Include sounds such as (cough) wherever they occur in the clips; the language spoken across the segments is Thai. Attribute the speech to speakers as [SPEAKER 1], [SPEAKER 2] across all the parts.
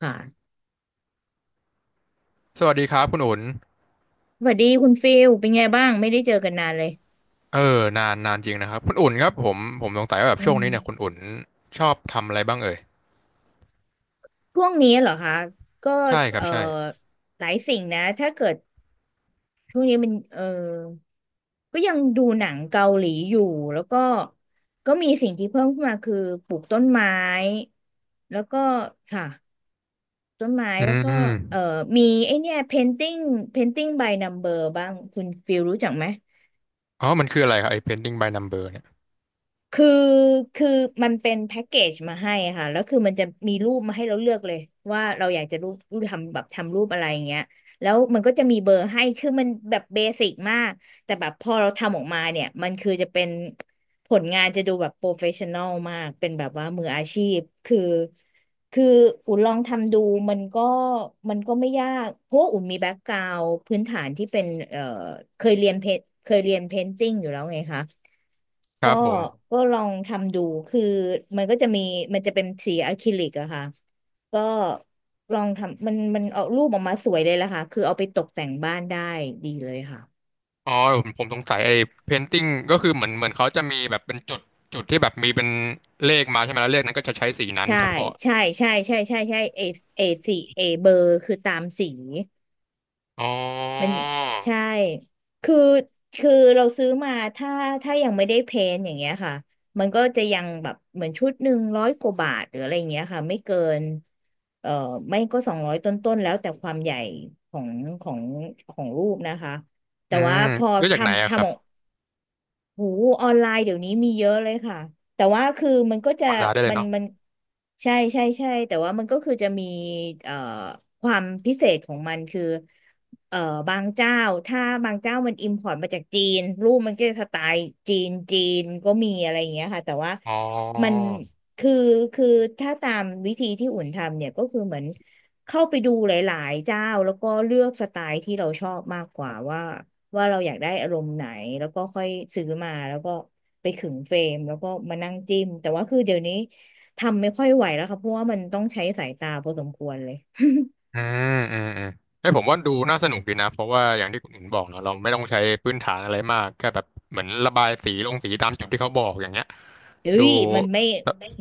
[SPEAKER 1] ค่ะ
[SPEAKER 2] สวัสดีครับคุณอุ่น
[SPEAKER 1] สวัสดีคุณฟิลเป็นไงบ้างไม่ได้เจอกันนานเลย
[SPEAKER 2] อนานจริงนะครับคุณอุ่นครับผมสงสัยว่าแบบ
[SPEAKER 1] อื
[SPEAKER 2] ช่วง
[SPEAKER 1] ม
[SPEAKER 2] นี้เนี่ยคุณอุ่นชอบทำอะไรบ้างเอ่ย
[SPEAKER 1] ช่วงนี้เหรอคะก็
[SPEAKER 2] ใช่ครับ
[SPEAKER 1] เอ่อ
[SPEAKER 2] ใช่
[SPEAKER 1] หลายสิ่งนะถ้าเกิดช่วงนี้มันก็ยังดูหนังเกาหลีอยู่แล้วก็มีสิ่งที่เพิ่มขึ้นมาคือปลูกต้นไม้แล้วก็ค่ะต้นไม้
[SPEAKER 2] อื
[SPEAKER 1] แล้วก็เอ่อ
[SPEAKER 2] ม
[SPEAKER 1] มีไอเนี่ย painting by number บ้างคุณฟิลรู้จักไหม
[SPEAKER 2] อ๋อมันคืออะไรครับไอ้ painting by number เนี่ย
[SPEAKER 1] คือคือมันเป็นแพ็กเกจมาให้ค่ะแล้วคือมันจะมีรูปมาให้เราเลือกเลยว่าเราอยากจะรูปรูปทำแบบทำรูปอะไรอย่างเงี้ยแล้วมันก็จะมีเบอร์ให้คือมันแบบเบสิกมากแต่แบบพอเราทำออกมาเนี่ยมันคือจะเป็นผลงานจะดูแบบโปรเฟชชั่นอลมากเป็นแบบว่ามืออาชีพคือคืออุ่นลองทำดูมันก็มันก็ไม่ยากเพราะว่าอุ่นมีแบ็กกราว n d พื้นฐานที่เป็นเคยเรียนเพเคยเรียนเพนติ้งอยู่แล้วไงคะ
[SPEAKER 2] ค
[SPEAKER 1] ก็
[SPEAKER 2] รับผม
[SPEAKER 1] ก็ลองทำดูคือมันก็จะมีมันจะเป็นสีอะคริลิกอะค่ะก็ลองทำมันเอารูปออกมาสวยเลยล่ะค่ะคือเอาไปตกแต่งบ้านได้ดีเลยค่ะ
[SPEAKER 2] อ๋อผมสงสัยไอ้ painting ก็คือเหมือนเขาจะมีแบบเป็นจุดจุดที่แบบมีเป็นเลขมาใช่ไหมแล้วเลขนั้นก็จะใช้สีนั้น
[SPEAKER 1] ใช่
[SPEAKER 2] เฉพาะ
[SPEAKER 1] ใช่ใช่ใช่ใช่ใช่เอสีเอเบอร์คือตามสี
[SPEAKER 2] อ๋อ
[SPEAKER 1] มันใช่คือคือเราซื้อมาถ้ายังไม่ได้เพนท์อย่างเงี้ยค่ะมันก็จะยังแบบเหมือนชุด100กว่าบาทหรืออะไรอย่างเงี้ยค่ะไม่เกินเอ่อไม่ก็200ต้นๆแล้วแต่ความใหญ่ของของของรูปนะคะ
[SPEAKER 2] อื
[SPEAKER 1] แต่ว่า
[SPEAKER 2] ม
[SPEAKER 1] พอ
[SPEAKER 2] เลือกจากไหน
[SPEAKER 1] ทำ
[SPEAKER 2] อะครั
[SPEAKER 1] ทำ
[SPEAKER 2] บ
[SPEAKER 1] โหออนไลน์เดี๋ยวนี้มีเยอะเลยค่ะแต่ว่าคือมันก็จะ
[SPEAKER 2] ออนไลน์ได้เลย
[SPEAKER 1] มัน
[SPEAKER 2] เนาะ
[SPEAKER 1] มันใช่ใช่ใช่แต่ว่ามันก็คือจะมีเอ่อความพิเศษของมันคือเอ่อบางเจ้าถ้าบางเจ้ามันอิมพอร์ตมาจากจีนรูปมันก็จะสไตล์จีนจีนก็มีอะไรอย่างเงี้ยค่ะแต่ว่า
[SPEAKER 2] อ๋อ
[SPEAKER 1] มันคือคือถ้าตามวิธีที่อุ่นทำเนี่ยก็คือเหมือนเข้าไปดูหลายๆเจ้าแล้วก็เลือกสไตล์ที่เราชอบมากกว่าว่าเราอยากได้อารมณ์ไหนแล้วก็ค่อยซื้อมาแล้วก็ไปขึงเฟรมแล้วก็มานั่งจิ้มแต่ว่าคือเดี๋ยวนี้ทำไม่ค่อยไหวแล้วค่ะเพราะว่ามันต้องใช้สายตาพอสมควรเลย
[SPEAKER 2] อือืมให้ยผมว่าดูน่าสนุกดีนะเพราะว่าอย่างที่คุณอินบอกเนาะเราไม่ต้องใช้พื้นฐานอะไรมากแค่แบบเหมือนระบายสีลงสีตามจุดที่เขาบอกอย่างเงี้ย
[SPEAKER 1] เฮ้
[SPEAKER 2] ดู
[SPEAKER 1] ยมันไม่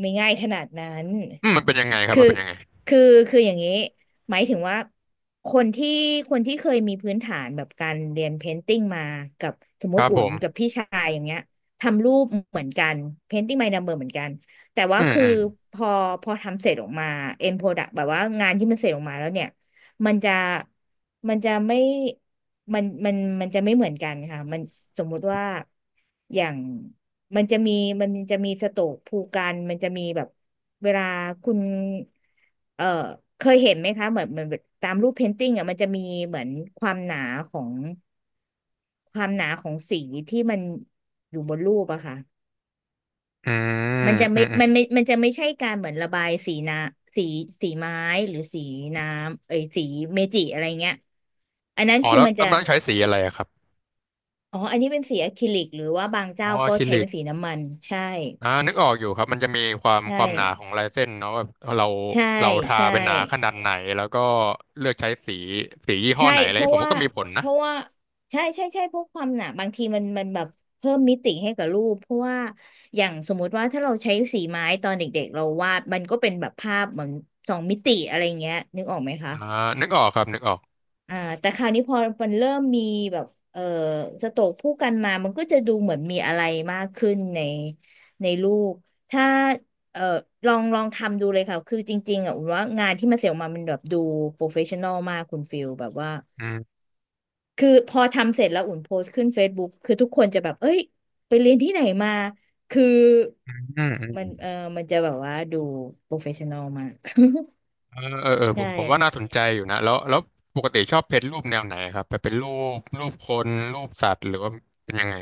[SPEAKER 1] ไม่ง่ายขนาดนั้น
[SPEAKER 2] อืมมันเป็นยังไงครับ
[SPEAKER 1] คือ
[SPEAKER 2] มันเป็นยังไง
[SPEAKER 1] คือคืออย่างนี้หมายถึงว่าคนที่คนที่เคยมีพื้นฐานแบบการเรียนเพนติ้งมากับสม
[SPEAKER 2] ค
[SPEAKER 1] ม
[SPEAKER 2] รั
[SPEAKER 1] ติ
[SPEAKER 2] บ
[SPEAKER 1] อุ่
[SPEAKER 2] ผ
[SPEAKER 1] น
[SPEAKER 2] ม
[SPEAKER 1] กับพี่ชายอย่างเงี้ยทำรูปเหมือนกันเพนติ้ง by number เหมือนกันแต่ว่า
[SPEAKER 2] อืม
[SPEAKER 1] คือ
[SPEAKER 2] อืม
[SPEAKER 1] พอพอทำเสร็จออกมา end product แบบว่างานที่มันเสร็จออกมาแล้วเนี่ยมันจะมันจะไม่ มันมันมันจะไม่เหมือนกันค่ะมันสมมุติว่าอย่างมันจะมีมันจะมีสโตรกภูกันมันจะมีแบบเวลาคุณเอ่อเคยเห็นไหมคะเหมือนตามรูปเพนติ้งอ่ะมันจะมีเหมือนความหนาของความหนาของสีที่มันอยู่บนรูปอะค่ะ
[SPEAKER 2] อืมอืมอม
[SPEAKER 1] มันจะไม่ใช่การเหมือนระบายสีน้ำสีไม้หรือสีน้ำเอ้ยสีเมจิอะไรเงี้ยอันนั้น
[SPEAKER 2] อ๋อ
[SPEAKER 1] คือ
[SPEAKER 2] แล้ว
[SPEAKER 1] มันจะ
[SPEAKER 2] ตำนานใช้สีอะไรอะครับ
[SPEAKER 1] อ๋ออันนี้เป็นสีอะคริลิกหรือว่าบาง
[SPEAKER 2] อ๋อ
[SPEAKER 1] เจ้า
[SPEAKER 2] อะ
[SPEAKER 1] ก็
[SPEAKER 2] คริ
[SPEAKER 1] ใช้
[SPEAKER 2] ลิ
[SPEAKER 1] เป็
[SPEAKER 2] ก
[SPEAKER 1] นสีน้ำมันใช่
[SPEAKER 2] อ่านึกออกอยู่ครับมันจะมีความ
[SPEAKER 1] ใช่
[SPEAKER 2] ความหนาของลายเส้นเนาะแบบเรา
[SPEAKER 1] ใช่
[SPEAKER 2] เราทา
[SPEAKER 1] ใช่
[SPEAKER 2] เป็นหนาขนาดไหนแล้วก็เลือกใช้สีสียี่ห้อ
[SPEAKER 1] ใช่
[SPEAKER 2] ไหนอะไรอ
[SPEAKER 1] เพ
[SPEAKER 2] ย่างเงี้
[SPEAKER 1] ราะ
[SPEAKER 2] ยผม
[SPEAKER 1] ว่า
[SPEAKER 2] ว่าก็มีผล
[SPEAKER 1] เพ
[SPEAKER 2] นะ
[SPEAKER 1] ราะว่าใช่ใช่ใช่เพวกความหนาบางทีมันแบบเพิ่มมิติให้กับรูปเพราะว่าอย่างสมมุติว่าถ้าเราใช้สีไม้ตอนเด็กๆเราวาดมันก็เป็นแบบภาพเหมือนสองมิติอะไรเงี้ยนึกออกไหมคะ
[SPEAKER 2] อ่านึกออกครับนึกออก
[SPEAKER 1] อ่าแต่คราวนี้พอมันเริ่มมีแบบเออสโตรกผู้กันมา มันก็จะดูเหมือนมีอะไรมากขึ้นในลูกถ้าเออลองลองทำดูเลยค่ะคือจริงๆอ่ะอุ่นว่างานที่มันเสร็จออกมามันแบบดูโปรเฟชชั่นอลมากคุณฟิลแบบว่าคือพอทำเสร็จแล้วอุ่นโพสต์ขึ้น Facebook คือทุกคนจะแบบเอ้ยไปเรียนที่ไหนมา (laughs) คือ
[SPEAKER 2] อืมอื
[SPEAKER 1] มัน
[SPEAKER 2] ม
[SPEAKER 1] มันจะแบบว่าดูโปรเฟชชั่นอลมาก
[SPEAKER 2] เออ
[SPEAKER 1] (laughs)
[SPEAKER 2] ผ
[SPEAKER 1] ใช่
[SPEAKER 2] มผมว่าน่าสนใจอยู่นะแล้วปกติชอบเพจรูปแนวไหนครับแบบเป็นรูปรูปคนรูปสัตว์หรือว่าเป็นยังไง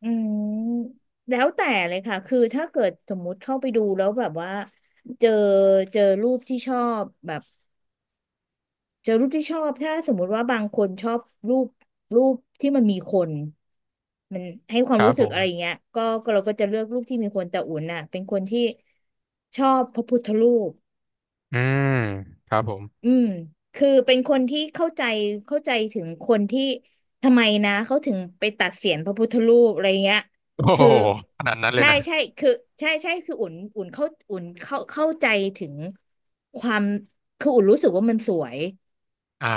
[SPEAKER 1] อืมแล้วแต่เลยค่ะคือถ้าเกิดสมมุติเข้าไปดูแล้วแบบว่าเจอเจอรูปที่ชอบแบบเจอรูปที่ชอบถ้าสมมุติว่าบางคนชอบรูปรูปที่มันมีคนมันให้ควา
[SPEAKER 2] ค
[SPEAKER 1] ม
[SPEAKER 2] รับ
[SPEAKER 1] รู้
[SPEAKER 2] ผ
[SPEAKER 1] สึกอะไรอย่าง
[SPEAKER 2] ม
[SPEAKER 1] เงี้ยก็เราก็จะเลือกรูปที่มีคนแต่อุ่นน่ะเป็นคนที่ชอบพระพุทธรูป
[SPEAKER 2] อืมครับผม
[SPEAKER 1] อืมคือเป็นคนที่เข้าใจถึงคนที่ทำไมนะเขาถึงไปตัดเศียรพระพุทธรูปอะไรเงี้ย
[SPEAKER 2] โอ้โห
[SPEAKER 1] คือ
[SPEAKER 2] ขนาดนั้นเลย
[SPEAKER 1] ใช่
[SPEAKER 2] นะ
[SPEAKER 1] ใช่คือใช่ใช่คืออุ่นเข้าใจถึงความคืออุ่นรู้สึกว่ามันสวย
[SPEAKER 2] อ่า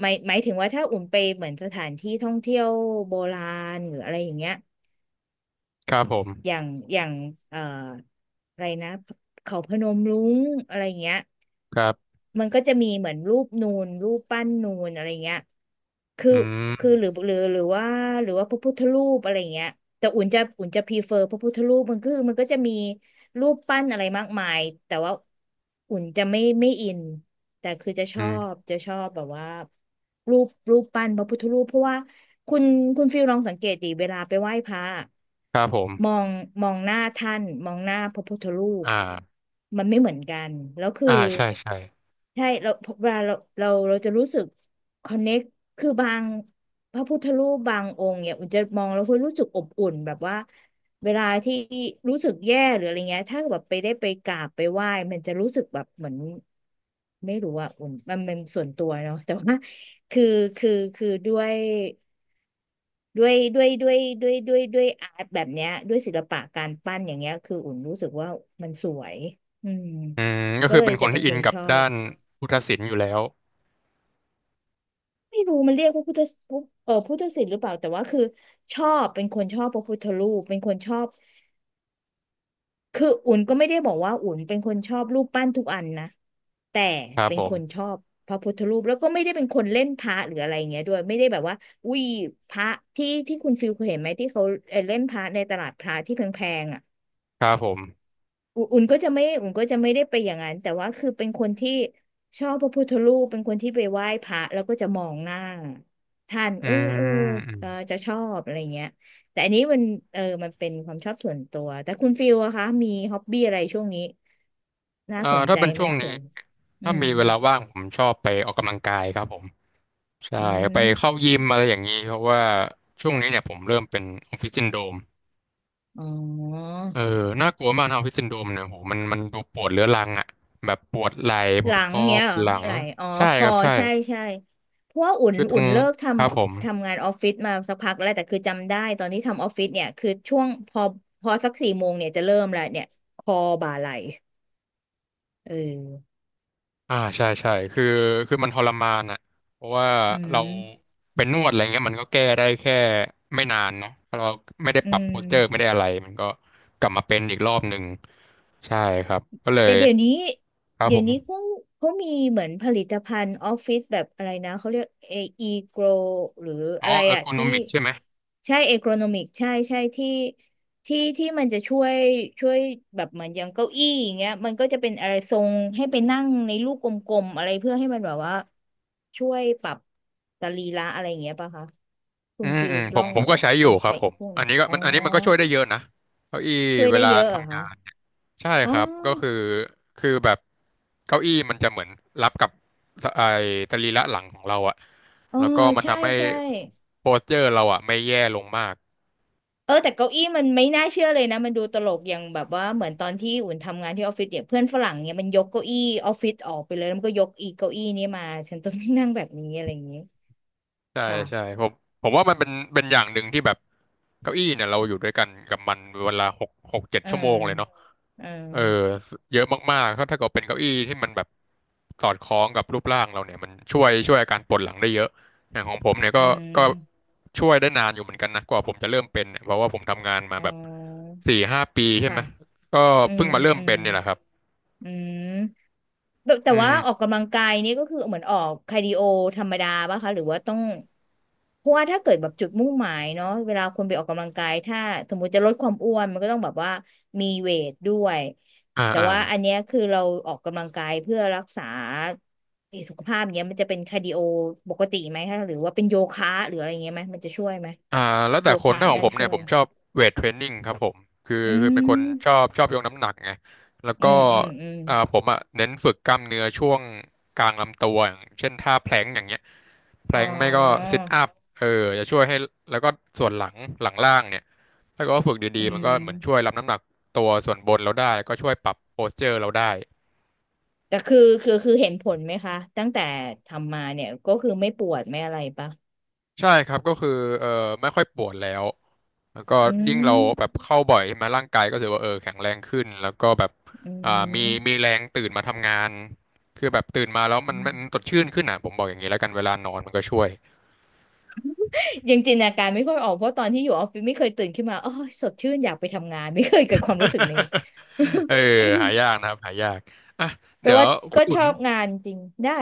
[SPEAKER 1] หมายถึงว่าถ้าอุ่นไปเหมือนสถานที่ท่องเที่ยวโบราณหรืออะไรอย่างเงี้ย
[SPEAKER 2] ครับผม
[SPEAKER 1] อย่างอย่างเอ่ออะไรนะเขาพนมรุ้งอะไรเงี้ย
[SPEAKER 2] ครับ
[SPEAKER 1] มันก็จะมีเหมือนรูปนูนรูปปั้นนูนอะไรเงี้ยคือ
[SPEAKER 2] อื
[SPEAKER 1] คือ
[SPEAKER 2] ม
[SPEAKER 1] หรือว่าพระพุทธรูปอะไรเงี้ยแต่อุ่นจะพรีเฟอร์พระพุทธรูปมันคือมันก็จะมีรูปปั้นอะไรมากมายแต่ว่าอุ่นจะไม่อิน แต่คือจะชอ
[SPEAKER 2] อืม
[SPEAKER 1] บจะชอบแบบว่ารูปปั้นพระพุทธรูปเพราะว่าคุณคุณฟิลลองสังเกตดิเวลาไปไหว้พระอะ
[SPEAKER 2] ครับผม
[SPEAKER 1] มองมองหน้าท่านมองหน้าพระพุทธรู
[SPEAKER 2] อ
[SPEAKER 1] ป
[SPEAKER 2] ่า
[SPEAKER 1] มันไม่เหมือนกันแล้วคือ
[SPEAKER 2] อ่าใช่ใช่
[SPEAKER 1] ใช่เราเวลาเราจะรู้สึกคอนเน็กคือบางพระพุทธรูปบางองค์เนี่ยอุ่นจะมองแล้วคุณรู้สึกอบอุ่นแบบว่า เวลาที่รู้สึกแย่หรืออะไรเงี้ยถ้าแบบไปได้ไปกราบไปไหว้มันจะรู้สึกแบบเหมือนไม่รู้อะอุ่นมันส่วนตัวเนาะแต่ว่าคือคือคือด้วยด้วยด้วยด้วยด้วยด้วยด้วยอาร์ตแบบเนี้ยด้วยศิลปะการปั้นอย่างเงี้ยคืออุ่นรู้สึกว่ามันสวยอืม
[SPEAKER 2] อืมก็
[SPEAKER 1] ก็
[SPEAKER 2] คือ
[SPEAKER 1] เลย
[SPEAKER 2] เป็นค
[SPEAKER 1] จะ
[SPEAKER 2] น
[SPEAKER 1] เป็
[SPEAKER 2] ที่
[SPEAKER 1] น
[SPEAKER 2] อิ
[SPEAKER 1] ค
[SPEAKER 2] น
[SPEAKER 1] น
[SPEAKER 2] กับ
[SPEAKER 1] ชอ
[SPEAKER 2] ด้า
[SPEAKER 1] บ
[SPEAKER 2] นพุทธศิลป์อยู่แล้ว
[SPEAKER 1] ไม่รู้มันเรียกว่าพุทธศิลป์หรือเปล่าแต่ว่าคือชอบเป็นคนชอบพระพุทธรูปเป็นคนชอบ คืออุ่นก็ไม่ได้บอกว่าอุ่นเป็นคนชอบรูปปั้นทุกอันนะแต่
[SPEAKER 2] ครับ
[SPEAKER 1] เป็น
[SPEAKER 2] ผ
[SPEAKER 1] คน
[SPEAKER 2] ม
[SPEAKER 1] ชอบพระพุทธรูปแล้วก็ไม่ได้เป็นคนเล่นพระหรืออะไรอย่างเงี้ยด้วยไม่ได้แบบว่าอุ้ยพระที่คุณฟิลเคยเห็นไหมที่เขาเล่นพระในตลาดพระที่แพงๆอ่ะ
[SPEAKER 2] ครับผม
[SPEAKER 1] อุอุ่นก็จะไม่อุ่นก็จะไม่ได้ไปอย่างนั้น แต่ว่าคือเป็นคนที่ชอบพระพุทธรูปเป็นคนที่ไปไหว้พระแล้วก็จะมองหน้าท่าน
[SPEAKER 2] อืมอืม
[SPEAKER 1] เออจะชอบอะไรเงี้ยแต่อันนี้มันเออมันเป็นความชอบส่วนตัว แต่คุณฟิลอะคะมีฮ็อบบี้อะไรช่วงนี้ น่าสน
[SPEAKER 2] ถ้า
[SPEAKER 1] ใจ
[SPEAKER 2] เป็น
[SPEAKER 1] ไหม
[SPEAKER 2] ช่วงนี้
[SPEAKER 1] เผื่ออื
[SPEAKER 2] ถ้า
[SPEAKER 1] ม
[SPEAKER 2] มีเวลาว่างผมชอบไปออกกำลังกายครับผม ใช่
[SPEAKER 1] อื
[SPEAKER 2] ไปเข้า
[SPEAKER 1] ม
[SPEAKER 2] ยิมอะไรอย่างนี้เพราะว่าช่วงนี้เนี่ยผมเริ่มเป็นออฟฟิศซินโดรม
[SPEAKER 1] อ๋อ
[SPEAKER 2] เออน่ากลัวมากนะออฟฟิศซินโดรมเนี่ยโหมันดูปวดเรื้อรังอ่ะแบบปวดไหล่ป
[SPEAKER 1] ห
[SPEAKER 2] ว
[SPEAKER 1] ลั
[SPEAKER 2] ด
[SPEAKER 1] ง
[SPEAKER 2] ข้อ
[SPEAKER 1] เงี้ย
[SPEAKER 2] ปว
[SPEAKER 1] เหร
[SPEAKER 2] ด
[SPEAKER 1] อ
[SPEAKER 2] หลัง
[SPEAKER 1] ไหลอ๋อ
[SPEAKER 2] ใช่
[SPEAKER 1] ค
[SPEAKER 2] ค
[SPEAKER 1] อ
[SPEAKER 2] รับใช่
[SPEAKER 1] ใช่ใช่เพราะว่า
[SPEAKER 2] คือตร
[SPEAKER 1] อุ่
[SPEAKER 2] ง
[SPEAKER 1] นเลิกท
[SPEAKER 2] ครับผม
[SPEAKER 1] ำทำงานออฟฟิศมาสักพักแล้วแต่คือจำได้ตอนที่ทำออฟฟิศเนี่ยคือช่วงพอสักสี่โมงเนี่ยจะเริ่มแล้วเนี่ยคอบ่าไหลเออ
[SPEAKER 2] อ่าใช่คือมันทรมานอ่ะเพราะว่า
[SPEAKER 1] อืม
[SPEAKER 2] เราเป็นนวดอะไรเงี้ยมันก็แก้ได้แค่ไม่นานเนาะ้าะเราไม่ได้
[SPEAKER 1] อื
[SPEAKER 2] ปรับโพ
[SPEAKER 1] ม
[SPEAKER 2] สเจอร์ไม่ได้อะไรมันก็กลับมาเป็นอีกรอบหนึ่งใช่ครับก็เล
[SPEAKER 1] แต่
[SPEAKER 2] ยครับ
[SPEAKER 1] เดี๋
[SPEAKER 2] ผ
[SPEAKER 1] ยว
[SPEAKER 2] ม
[SPEAKER 1] นี้เขามีเหมือนผลิตภัณฑ์ออฟฟิศแบบอะไรนะเขาเรียกเออีโกรหรือ
[SPEAKER 2] อ๋อ
[SPEAKER 1] อะไร
[SPEAKER 2] เออร์
[SPEAKER 1] อะ
[SPEAKER 2] โกนอ
[SPEAKER 1] ที่
[SPEAKER 2] มิกใช่ไหม
[SPEAKER 1] ใช่เอโกรนอมิกใช่ใช่ที่มันจะช่วยช่วยแบบเหมือนอย่างเก้าอี้อย่างเงี้ยมันก็จะเป็นอะไรทรงให้ไปนั่งในลูกกลมๆอะไรเพื่อให้มันแบบว่าช่วยปรับสรีระอะไรอย่างเงี้ยป่ะคะคุ
[SPEAKER 2] อื
[SPEAKER 1] ณ
[SPEAKER 2] ม
[SPEAKER 1] ฟิล
[SPEAKER 2] อืมผ
[SPEAKER 1] ลอ
[SPEAKER 2] ม
[SPEAKER 1] ง
[SPEAKER 2] ผมก็ใช้อ
[SPEAKER 1] ล
[SPEAKER 2] ยู่
[SPEAKER 1] อง
[SPEAKER 2] ครั
[SPEAKER 1] ใช้
[SPEAKER 2] บผ
[SPEAKER 1] อี
[SPEAKER 2] ม
[SPEAKER 1] กพวก
[SPEAKER 2] อัน
[SPEAKER 1] นี้
[SPEAKER 2] นี้ก็
[SPEAKER 1] อ๋อ
[SPEAKER 2] มันอันนี้มันก็ช่วยได้เยอะนะเก้าอี้
[SPEAKER 1] ช่วย
[SPEAKER 2] เว
[SPEAKER 1] ได้
[SPEAKER 2] ลา
[SPEAKER 1] เยอะเหรอ
[SPEAKER 2] ทำงาน
[SPEAKER 1] คะ
[SPEAKER 2] ใช่
[SPEAKER 1] อ๋
[SPEAKER 2] ค
[SPEAKER 1] อ
[SPEAKER 2] รับก็คือคือแบบเก้าอี้มันจะเหมือนรับกับสไอ้สรีระหลังของเราอะ
[SPEAKER 1] อ๋อ
[SPEAKER 2] แล้วก็มัน
[SPEAKER 1] ใช่
[SPEAKER 2] ทำให้
[SPEAKER 1] ใช่
[SPEAKER 2] โพสเจอร์เราอะไม่แย่ลงมาก
[SPEAKER 1] เออแต่เก้าอี้มันไม่น่าเชื่อเลยนะมันดูตลกอย่างแบบว่าเหมือนตอนที่อุ่นทำงานที่ออฟฟิศเนี่ยเพื่อนฝรั่งเนี่ยมันยกเก้าอี้ออฟฟิศออกไปเลยแล้วมันก็ยกอีเก้าอี้นี้มาฉันต้องนั่งแบบนี้อะไรอย่างนี้
[SPEAKER 2] ใช่
[SPEAKER 1] ค่ะ
[SPEAKER 2] ใช่ผมว่ามันเป็นอย่างหนึ่งที่แบบเก้าอี้เนี่ยเราอยู่ด้วยกันกับมันเวลาหกเจ็ด
[SPEAKER 1] เอ
[SPEAKER 2] ชั่วโมงเลยเนาะ
[SPEAKER 1] อเออ
[SPEAKER 2] เออเยอะมากๆถ้าเกิดเป็นเก้าอี้ที่มันแบบสอดคล้องกับรูปร่างเราเนี่ยมันช่วยอาการปวดหลังได้เยอะอย่างของผมเนี่ยก็
[SPEAKER 1] อื
[SPEAKER 2] ก็
[SPEAKER 1] ม
[SPEAKER 2] ช่วยได้นานอยู่เหมือนกันนะกว่าผมจะเริ่มเป็นเนี่ยเพราะว่าผมทำงานมา
[SPEAKER 1] อ๋
[SPEAKER 2] แบบ
[SPEAKER 1] อ
[SPEAKER 2] สี่ห้าปีใช่
[SPEAKER 1] ค่ะ
[SPEAKER 2] ไหมก็
[SPEAKER 1] อื
[SPEAKER 2] เพิ่ง
[SPEAKER 1] ม
[SPEAKER 2] มาเริ่ม
[SPEAKER 1] อืม
[SPEAKER 2] เป็นเนี่ยแหละครับ
[SPEAKER 1] อืม แบบแต่
[SPEAKER 2] อื
[SPEAKER 1] ว่าออก
[SPEAKER 2] ม
[SPEAKER 1] กำลังกายนี่ก็คือเหมือนออกคาร์ดิโอธรรมดาป่ะคะหรือว่าต้องเพราะว่าถ้าเกิดแบบจุดมุ่งหมายเนาะเวลาคนไปออกกำลังกายถ้าสมมุติจะลดความอ้วนมันก็ต้องแบบว่ามีเวทด้วย
[SPEAKER 2] อ่า
[SPEAKER 1] แต่
[SPEAKER 2] อ่า
[SPEAKER 1] ว่าอันเนี้ยคือเราออกกำลังกายเพื่อรักษาสุขภาพเนี้ยมันจะเป็นคาร์ดิโอปกติไหมคะหรือว่าเป็นโยคะหรืออะไรเงี้ยไหมมันจะช่วยไหม
[SPEAKER 2] อ่าแล้วแต่
[SPEAKER 1] โย
[SPEAKER 2] คน
[SPEAKER 1] คะ
[SPEAKER 2] ถ้าของ
[SPEAKER 1] น่า
[SPEAKER 2] ผม
[SPEAKER 1] ช่
[SPEAKER 2] เนี่ย
[SPEAKER 1] ว
[SPEAKER 2] ผ
[SPEAKER 1] ย
[SPEAKER 2] มชอบเวทเทรนนิ่งครับผมคือ
[SPEAKER 1] อื
[SPEAKER 2] คือเป็นคนชอ
[SPEAKER 1] ม
[SPEAKER 2] บชอบยกน้ำหนักไงแล้วก็
[SPEAKER 1] อืม
[SPEAKER 2] อ่าผมอ่ะเน้นฝึกกล้ามเนื้อช่วงกลางลำตัวอย่างเช่นท่าแพลงอย่างเงี้ย แพล
[SPEAKER 1] อ๋
[SPEAKER 2] งไม่ก็
[SPEAKER 1] อ
[SPEAKER 2] ซิทอัพเออจะช่วยให้แล้วก็ส่วนหลังหลังล่างเนี่ยถ้าเกิดว่าฝึกดี
[SPEAKER 1] อื
[SPEAKER 2] ๆมันก็เหมือนช่วย
[SPEAKER 1] ม
[SPEAKER 2] รับน้ำหนักตัวส่วนบนเราได้ก็ช่วยปรับโพสเจอร์เราได้
[SPEAKER 1] แต่คือคือเห็นผลไหมคะตั้งแต่ทำมาเนี่ยก็คือไม่ปวดไม่อะไรปะ
[SPEAKER 2] ใช่ครับก็คือเออไม่ค่อยปวดแล้วแล้วก็
[SPEAKER 1] อื
[SPEAKER 2] ยิ่งเราแบบ
[SPEAKER 1] ม
[SPEAKER 2] เข้าบ่อยใช่ไหมาร่างกายก็ถือว่าเออแข็งแรงขึ้นแล้วก็แบบ
[SPEAKER 1] อื
[SPEAKER 2] อ่ามีมี
[SPEAKER 1] ม
[SPEAKER 2] แรงตื่นมาทำงานคือแบบตื่นมาแล้วมั
[SPEAKER 1] อื
[SPEAKER 2] นมันส
[SPEAKER 1] ม
[SPEAKER 2] ดชื่นขึ้นอ่ะผมบอกอย่างนี้แล้วกันเวลานอนมันก็ช่วย
[SPEAKER 1] ยังจินตนาการไม่ค่อยออกเพราะตอนที่อยู่ออฟฟิศไม่เคยตื่นขึ้นมาโอ้ยสดชื่นอยากไปทำงานไม่เคยเกิดความรู้สึกนี้
[SPEAKER 2] (laughs) เออหายาก
[SPEAKER 1] (laughs)
[SPEAKER 2] นะครับหายากอ่ะ
[SPEAKER 1] แปล
[SPEAKER 2] เดี๋ยว
[SPEAKER 1] ว่า
[SPEAKER 2] คุ
[SPEAKER 1] ก็
[SPEAKER 2] ณอุ่
[SPEAKER 1] ช
[SPEAKER 2] น
[SPEAKER 1] อบงานจริงได้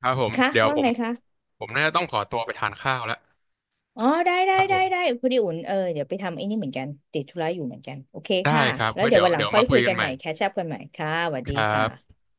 [SPEAKER 2] ครับผม
[SPEAKER 1] คะ
[SPEAKER 2] เดี๋ยว
[SPEAKER 1] ว่า
[SPEAKER 2] ผ
[SPEAKER 1] ไง
[SPEAKER 2] ม
[SPEAKER 1] คะ
[SPEAKER 2] ผมน่าจะต้องขอตัวไปทานข้าวแล้ว
[SPEAKER 1] อ๋อ
[SPEAKER 2] ครับผ
[SPEAKER 1] ได้
[SPEAKER 2] ม
[SPEAKER 1] พอดีอุ่นเออเดี๋ยวไปทำไอ้นี่เหมือนกันติดธุระอยู่เหมือนกันโอเค
[SPEAKER 2] ได้
[SPEAKER 1] ค่ะ
[SPEAKER 2] ครับ
[SPEAKER 1] แล้ว
[SPEAKER 2] ไว้
[SPEAKER 1] เดี๋ยว
[SPEAKER 2] เดี๋ยว
[SPEAKER 1] วันหลั
[SPEAKER 2] เดี๋
[SPEAKER 1] ง
[SPEAKER 2] ยว
[SPEAKER 1] ค่อ
[SPEAKER 2] มา
[SPEAKER 1] ย
[SPEAKER 2] คุ
[SPEAKER 1] คุ
[SPEAKER 2] ย
[SPEAKER 1] ย
[SPEAKER 2] กั
[SPEAKER 1] กั
[SPEAKER 2] น
[SPEAKER 1] น
[SPEAKER 2] ให
[SPEAKER 1] ให
[SPEAKER 2] ม่
[SPEAKER 1] ม่แคชอัพกันใหม่ค่ะสวัส
[SPEAKER 2] ค
[SPEAKER 1] ดี
[SPEAKER 2] รับ
[SPEAKER 1] ค่ะ